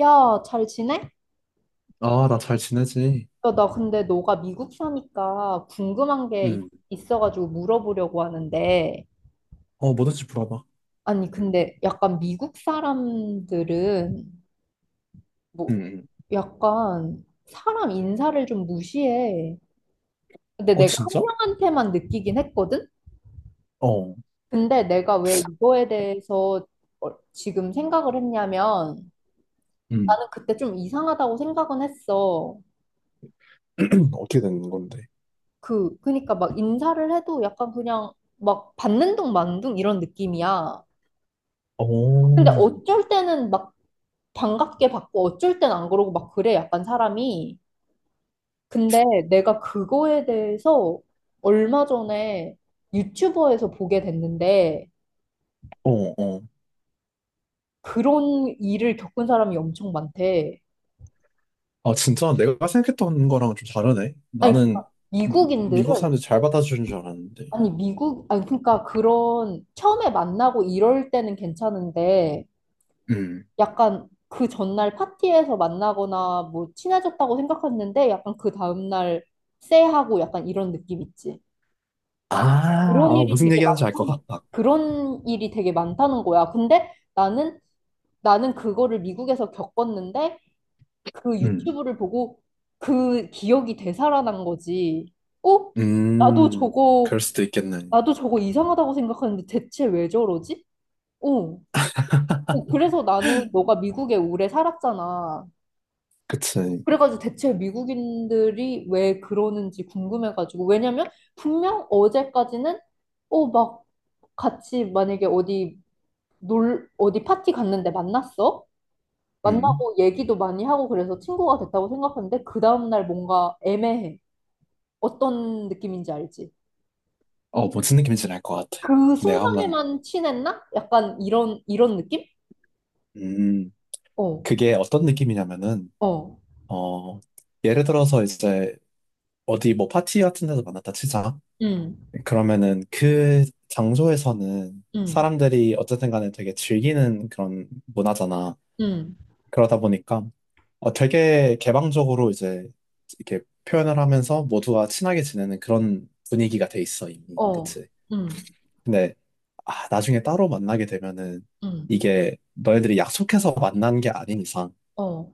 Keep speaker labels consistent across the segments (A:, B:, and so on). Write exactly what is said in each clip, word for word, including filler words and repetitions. A: 야, 잘 지내?
B: 아, 나 잘 지내지.
A: 야, 나 근데 너가 미국 사니까 궁금한 게 있-
B: 음,
A: 있어가지고 물어보려고 하는데,
B: 어, 뭐든지 물어봐.
A: 아니, 근데 약간 미국 사람들은 뭐
B: 응응.
A: 약간 사람 인사를 좀 무시해. 근데
B: 어,
A: 내가 한
B: 진짜?
A: 명한테만 느끼긴 했거든?
B: 어,
A: 근데 내가 왜 이거에 대해서 어, 지금 생각을 했냐면,
B: 응.
A: 나는 그때 좀 이상하다고 생각은 했어.
B: 어떻게 되는 건데?
A: 그, 그니까 막 인사를 해도 약간 그냥 막 받는 둥 마는 둥 이런 느낌이야. 근데
B: 오.
A: 어쩔 때는 막 반갑게 받고 어쩔 땐 안 그러고 막 그래, 약간 사람이. 근데 내가 그거에 대해서 얼마 전에 유튜버에서 보게 됐는데
B: 어, 어,
A: 그런 일을 겪은 사람이 엄청 많대.
B: 아, 진짜 내가 생각했던 거랑 좀 다르네.
A: 아니,
B: 나는
A: 그러니까
B: 미, 미국
A: 미국인들은
B: 사람들이 잘 받아주는 줄 알았는데.
A: 아니 미국 아니 그러니까 그런 처음에 만나고 이럴 때는 괜찮은데
B: 응.
A: 약간 그 전날 파티에서 만나거나 뭐 친해졌다고 생각했는데 약간 그 다음날 쎄하고 약간 이런 느낌 있지.
B: 아,
A: 그런
B: 아,
A: 일이
B: 무슨
A: 되게 많다.
B: 얘기하는지 알 것 같다.
A: 그런 일이 되게 많다는 거야. 근데 나는 나는 그거를 미국에서 겪었는데 그
B: 음,
A: 유튜브를 보고 그 기억이 되살아난 거지. 어? 나도
B: 음,
A: 저거
B: 그럴 수도 있겠네.
A: 나도 저거 이상하다고 생각하는데 대체 왜 저러지? 어. 어, 그래서 나는 너가 미국에 오래 살았잖아.
B: 그치.
A: 그래가지고 대체 미국인들이 왜 그러는지 궁금해가지고 왜냐면 분명 어제까지는 어 막 같이 만약에 어디 놀 어디 파티 갔는데 만났어
B: 음,
A: 만나고 얘기도 많이 하고 그래서 친구가 됐다고 생각하는데 그 다음날 뭔가 애매해 어떤 느낌인지 알지?
B: 어, 무슨 느낌인지 알 것 같아.
A: 그
B: 내가 한번,
A: 순간에만 친했나? 약간 이런 이런 느낌?
B: 음,
A: 어,
B: 그게 어떤 느낌이냐면은,
A: 어,
B: 어, 예를 들어서 이제 어디 뭐 파티 같은 데서 만났다 치자.
A: 음,
B: 그러면은 그 장소에서는
A: 음,
B: 사람들이 어쨌든 간에 되게 즐기는 그런 문화잖아.
A: 음,
B: 그러다 보니까 어, 되게 개방적으로 이제 이렇게 표현을 하면서 모두가 친하게 지내는 그런 분위기가 돼 있어, 이미.
A: 어,
B: 그치?
A: 음,
B: 근데 아, 나중에 따로 만나게 되면은
A: 음,
B: 이게 너희들이 약속해서 만난 게 아닌 이상
A: 어,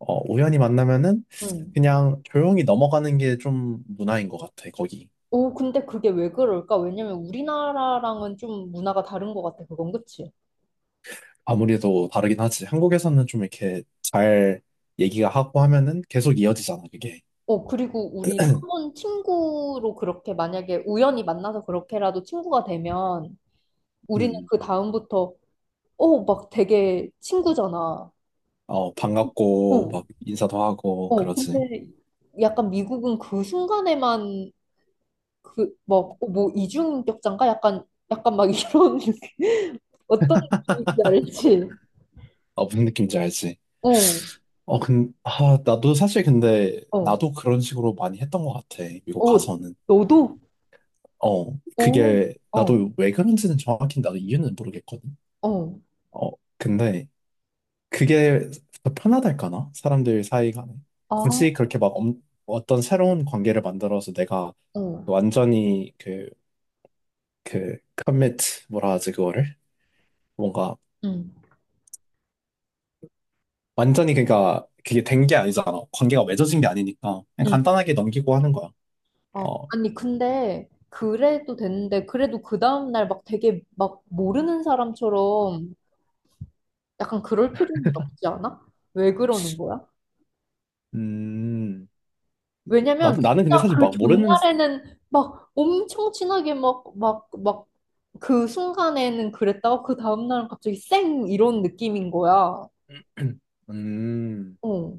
B: 어, 우연히 만나면은
A: 음.
B: 그냥 조용히 넘어가는 게 좀 문화인 것 같아, 거기.
A: 오, 근데 그게 왜 그럴까? 왜냐면 우리나라랑은 좀 문화가 다른 것 같아, 그건 그치?
B: 아무래도 다르긴 하지. 한국에서는 좀 이렇게 잘 얘기가 하고 하면은 계속 이어지잖아, 그게.
A: 어, 그리고 우리 한번 친구로 그렇게 만약에 우연히 만나서 그렇게라도 친구가 되면 우리는
B: 음.
A: 그 다음부터, 어, 막 되게 친구잖아.
B: 어, 반갑고,
A: 어,
B: 막 인사도 하고,
A: 어,
B: 그러지.
A: 근데 약간 미국은 그 순간에만 그, 막, 어, 뭐, 이중인격자인가? 약간, 약간 막 이런, 어떤 느낌인지 알지?
B: 어, 무슨 느낌인지 알지?
A: 어,
B: 어, 근, 아, 나도 사실 근데,
A: 어,
B: 나도 그런 식으로 많이 했던 것 같아, 미국
A: 어,
B: 가서는.
A: 너도?
B: 어,
A: 어,
B: 그게,
A: 어.
B: 나도 왜 그런지는 정확히 나도 이유는 모르겠거든.
A: 어,
B: 어, 근데, 그게 더 편하달까나? 사람들 사이 간에.
A: 아,
B: 굳이 그렇게 막 엄- 어떤 새로운 관계를 만들어서 내가
A: 어,
B: 완전히 그, 그, 커밋, 뭐라 하지, 그거를? 뭔가,
A: 응,
B: 완전히 그니까, 그게 된 게 아니잖아. 관계가 맺어진 게 아니니까. 그냥
A: 응.
B: 간단하게 넘기고 하는 거야.
A: 아,
B: 어,
A: 아니, 근데, 그래도 됐는데, 그래도 그 다음날 막 되게 막 모르는 사람처럼 약간 그럴 필요는 없지 않아? 왜 그러는 거야?
B: 음, 나,
A: 왜냐면,
B: 나는 근데
A: 진짜
B: 사실
A: 그
B: 막 모르는,
A: 전날에는 막 엄청 친하게 막, 막, 막, 그 순간에는 그랬다가 그 다음날은 갑자기 쌩! 이런 느낌인 거야.
B: 음,
A: 어,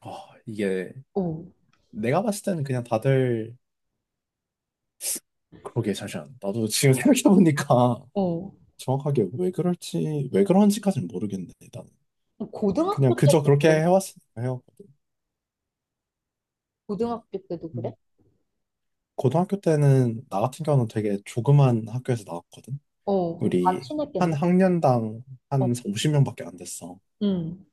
B: 아, 이게,
A: 어,
B: 내가 봤을 때는 그냥 다들, 그러게, 잠시만. 나도 지금 생각해보니까,
A: 어.
B: 정확하게 왜 그럴지, 왜 그런지까지는 모르겠네, 나는.
A: 고등학교
B: 그냥 그저
A: 때도
B: 그렇게
A: 그래?
B: 해왔으니까 해왔거든.
A: 고등학교 때도 그래?
B: 음. 고등학교 때는, 나 같은 경우는 되게 조그만 학교에서 나왔거든.
A: 어, 그럼 다
B: 우리 한
A: 친했겠네?
B: 학년당
A: 어.
B: 한 오십 명밖에 안 됐어.
A: 음.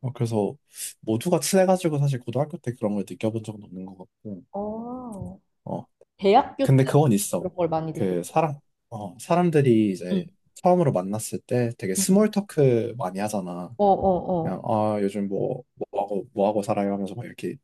B: 어, 그래서 모두가 친해가지고 사실 고등학교 때 그런 걸 느껴본 적은 없는 것 같고.
A: 어,
B: 어,
A: 대학교 때
B: 근데 그건 있어.
A: 그런 걸 많이
B: 그
A: 느꼈고.
B: 사람, 어, 사람들이
A: 응.
B: 이제 처음으로 만났을 때 되게
A: 응.
B: 스몰 토크 많이 하잖아.
A: 어, 어, 어.
B: 그냥 아 요즘 뭐 뭐하고 뭐하고 살아요 하면서 막 이렇게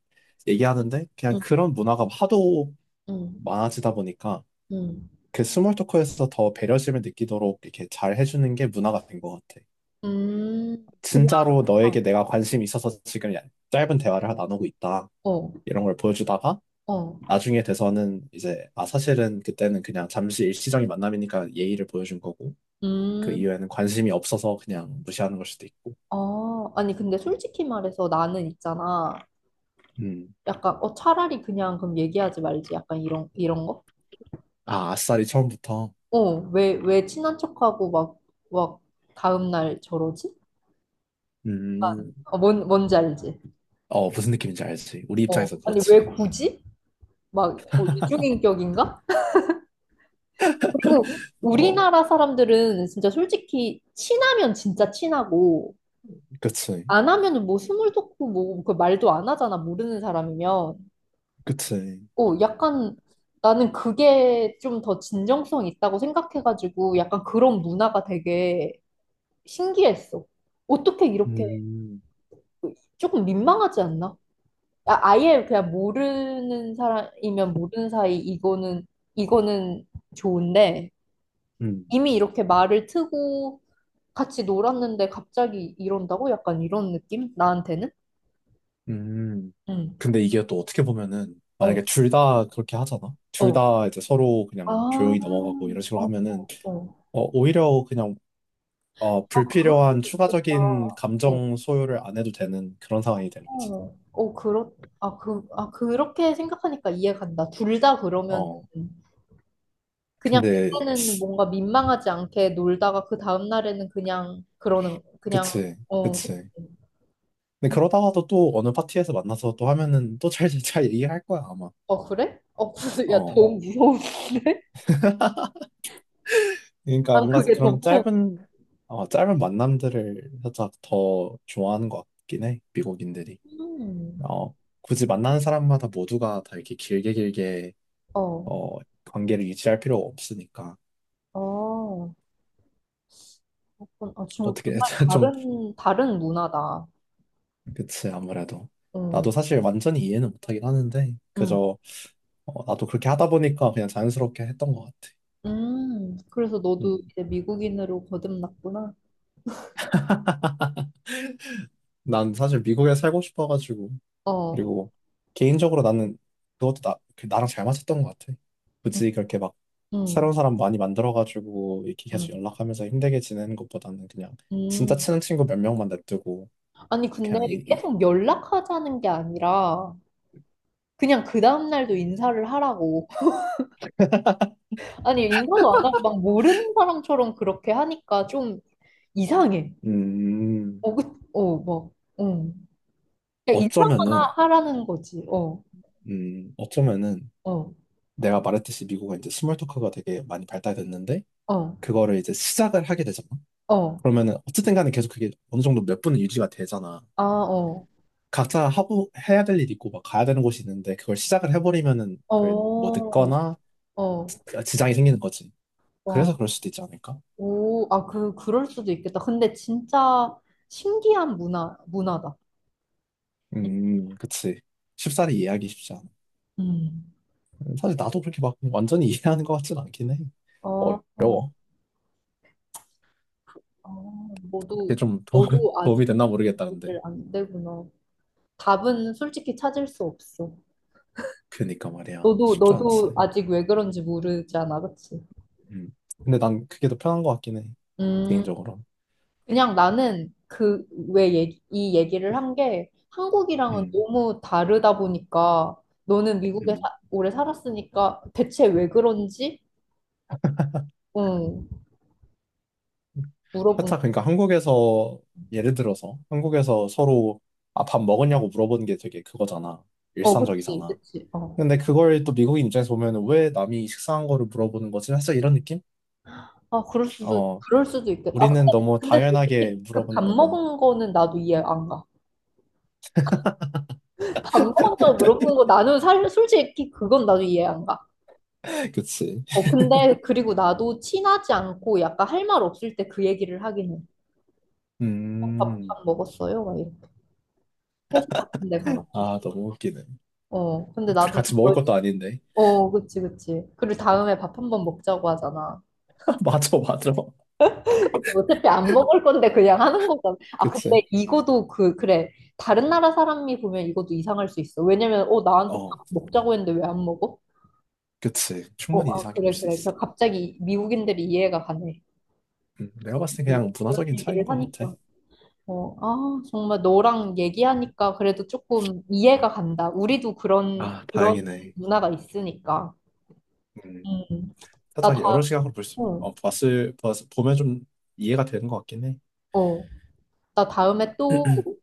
B: 얘기하는데 그냥
A: 응.
B: 그런 문화가 하도
A: 응.
B: 많아지다 보니까
A: 응.
B: 그 스몰 토크에서 더 배려심을 느끼도록 이렇게 잘 해주는 게 문화가 된 것 같아.
A: 음, 그냥
B: 진짜로 너에게 내가 관심이 있어서 지금 야- 짧은 대화를 나누고 있다
A: 어.
B: 이런 걸 보여주다가
A: 어.
B: 나중에 돼서는 이제 아 사실은 그때는 그냥 잠시 일시적인 만남이니까 예의를 보여준 거고 그
A: 음.
B: 이후에는 관심이 없어서 그냥 무시하는 걸 수도 있고.
A: 아, 아니 근데 솔직히 말해서 나는 있잖아.
B: 음.
A: 약간 어 차라리 그냥 그럼 얘기하지 말지. 약간 이런 이런 거?
B: 아 아싸리 처음부터.
A: 어. 왜 왜 친한 척하고 막 막 다음 날 저러지? 약간
B: 음.
A: 어, 뭔 뭔지 알지?
B: 어, 무슨 느낌인지 알지. 우리
A: 어.
B: 입장에서
A: 아니 왜
B: 그렇지.
A: 굳이? 막 어, 이중인격인가? 그리고
B: 어,
A: 우리나라 사람들은 진짜 솔직히 친하면 진짜 친하고
B: 그치,
A: 안 하면은 뭐 스물 돋고 뭐그 말도 안 하잖아 모르는 사람이면
B: 그치.
A: 어 약간 나는 그게 좀 더 진정성 있다고 생각해가지고 약간 그런 문화가 되게 신기했어 어떻게 이렇게
B: 음,
A: 조금 민망하지 않나? 아, 아예 그냥 모르는 사람이면 모르는 사이 이거는 이거는 좋은데
B: 음,
A: 이미 이렇게 말을 트고 같이 놀았는데 갑자기 이런다고? 약간 이런 느낌? 나한테는?
B: 음.
A: 응.
B: 근데 이게 또 어떻게 보면은,
A: 어,
B: 만약에 둘 다 그렇게 하잖아? 둘
A: 어.
B: 다 이제 서로
A: 아,
B: 그냥 조용히 넘어가고 이런 식으로
A: 어,
B: 하면은,
A: 어.
B: 어, 오히려 그냥, 어,
A: 아, 그럴
B: 불필요한
A: 수도 있겠다.
B: 추가적인
A: 어,
B: 감정 소요를 안 해도 되는 그런 상황이 되는 거지.
A: 어, 어, 그렇, 아, 그, 아, 그렇게 생각하니까 이해간다. 둘 다 그러면은,
B: 어,
A: 그냥
B: 근데,
A: 그때는 뭔가 민망하지 않게 놀다가 그 다음날에는 그냥, 그러는, 그냥,
B: 그치,
A: 어,
B: 그치. 근데 그러다가도 또 어느 파티에서 만나서 또 하면은 또 잘, 잘 얘기할 거야, 아마.
A: 어, 그래? 어, 무슨, 야,
B: 어.
A: 너무 무서운데?
B: 그러니까
A: 난
B: 뭔가
A: 그게 더
B: 그런
A: 무서워.
B: 짧은 어, 짧은 만남들을 살짝 더 좋아하는 것 같긴 해 미국인들이
A: 음,
B: 어, 굳이 만나는 사람마다 모두가 다 이렇게 길게 길게
A: 어,
B: 어, 관계를 유지할 필요가 없으니까
A: 어. 그건- 아, 지금
B: 어떻게
A: 정말
B: 좀
A: 다른, 다른 문화다.
B: 그치 아무래도
A: 응,
B: 나도 사실 완전히 이해는 못하긴 하는데
A: 응,
B: 그저 어, 나도 그렇게 하다 보니까 그냥 자연스럽게 했던 것 같아
A: 음, 그래서 너도
B: 음,
A: 이제 미국인으로 거듭났구나.
B: 난 사실 미국에 살고 싶어가지고
A: 어,
B: 그리고 개인적으로 나는 그것도 나, 그 나랑 잘 맞았던 것 같아.
A: 응,
B: 굳이 그렇게 막
A: 응,
B: 새로운 사람 많이 만들어가지고 이렇게 계속
A: 음.
B: 연락하면서 힘들게 지내는 것보다는 그냥 진짜
A: 음.
B: 친한 친구 몇 명만 냅두고
A: 아니, 근데
B: 그냥 이, 이-
A: 계속 연락하자는 게 아니라, 그냥 그 다음날도 인사를 하라고. 아니, 인사도 안 하고 막 모르는 사람처럼 그렇게 하니까 좀 이상해.
B: 음,
A: 어, 그, 어, 막, 응. 그냥 인사만
B: 어쩌면은,
A: 하라는 거지. 어,
B: 음, 어쩌면은
A: 어,
B: 내가 말했듯이 미국은 이제 스몰 토크가 되게 많이 발달됐는데
A: 어,
B: 그거를 이제 시작을 하게 되잖아.
A: 어.
B: 그러면은 어쨌든 간에 계속 그게 어느 정도 몇 분은 유지가 되잖아.
A: 아, 어.
B: 각자 하고 해야 될 일이 있고 막 가야 되는 곳이 있는데 그걸 시작을 해버리면은 그뭐
A: 어,
B: 늦거나
A: 어,
B: 지장이 생기는 거지.
A: 와,
B: 그래서 그럴 수도 있지 않을까?
A: 오, 아, 그, 그럴 수도 있겠다. 근데 진짜 신기한 문화, 문화다.
B: 음, 그치. 쉽사리 이해하기 쉽지 않아.
A: 음.
B: 음, 사실 나도 그렇게 막 완전히 이해하는 것 같진 않긴 해.
A: 아, 아,
B: 어려워.
A: 아,
B: 그게
A: 너도,
B: 좀 도,
A: 너도 아직
B: 도움이 됐나 모르겠다는데.
A: 답을 안 되구나. 답은 솔직히 찾을 수 없어.
B: 그니까 말이야.
A: 너도,
B: 쉽지
A: 너도
B: 않지.
A: 아직 왜 그런지 모르잖아, 그치?
B: 음. 근데 난 그게 더 편한 것 같긴 해.
A: 음,
B: 개인적으로.
A: 그냥 나는 그, 왜 얘기, 이 얘기를 한 게 한국이랑은
B: 음.
A: 너무 다르다 보니까 너는 미국에
B: 음.
A: 사- 오래 살았으니까 대체 왜 그런지? 응, 물어본
B: 살짝 그러니까 한국에서 예를 들어서 한국에서 서로 아, 밥 먹었냐고 물어보는 게 되게 그거잖아.
A: 어 그치
B: 일상적이잖아.
A: 그치 어아
B: 근데 그걸 또 미국인 입장에서 보면 왜 남이 식사한 거를 물어보는 거지? 살짝 이런 느낌?
A: 그럴 수도
B: 어,
A: 그럴 수도 있겠다 아
B: 우리는
A: 근데
B: 너무
A: 근데
B: 당연하게
A: 솔직히 그 밥
B: 물어보는 건데.
A: 먹은 거는 나도 이해 안 가 밥 먹었냐고 물어보는 거 나는 살 솔직히 그건 나도 이해 안가어
B: 그치.
A: 근데 그리고 나도 친하지 않고 약간 할 말 없을 때 그 얘기를 하긴
B: 음,
A: 해밥밥 먹었어요 막 이렇게 회식 같은 데 가가지고
B: 아, 너무 웃기네.
A: 어 근데
B: 둘이
A: 나도
B: 같이 먹을
A: 그거
B: 것도 아닌데.
A: 어 그치 그치 그리고 다음에 밥 한번 먹자고 하잖아
B: 맞아, 맞아.
A: 어차피 안 먹을 건데 그냥 하는 거잖아. 아,
B: 그치.
A: 근데 이거도 그, 그래. 다른 나라 사람이 보면 이것도 이상할 수 있어. 왜냐면, 어, 나한테
B: 어,
A: 밥 먹자고 했는데 왜 안 먹어?
B: 그치.
A: 어,
B: 충분히
A: 아,
B: 이상하게 볼
A: 그래,
B: 수
A: 그래.
B: 있어.
A: 그래서 갑자기 미국인들이 이해가 가네.
B: 음, 내가
A: 이렇게
B: 봤을 때 그냥
A: 이런
B: 문화적인 차이인
A: 얘기를
B: 것 같아.
A: 하니까. 어, 아, 정말 너랑 얘기하니까 그래도 조금 이해가 간다. 우리도 그런,
B: 아,
A: 그런
B: 다행이네.
A: 문화가 있으니까.
B: 음.
A: 음, 나
B: 살짝 여러
A: 다,
B: 시각으로 볼 수,
A: 어,
B: 어, 봤을, 봤, 보면 좀 이해가 되는 것 같긴 해.
A: 어. 나 다음에 또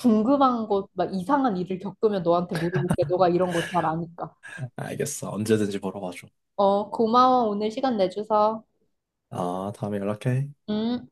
A: 궁금한 것, 막 이상한 일을 겪으면 너한테 물어볼게. 너가 이런 거 잘 아니까.
B: 알겠어. 언제든지 물어봐줘.
A: 어, 고마워. 오늘 시간 내줘서.
B: 아, 다음에 연락해.
A: 응?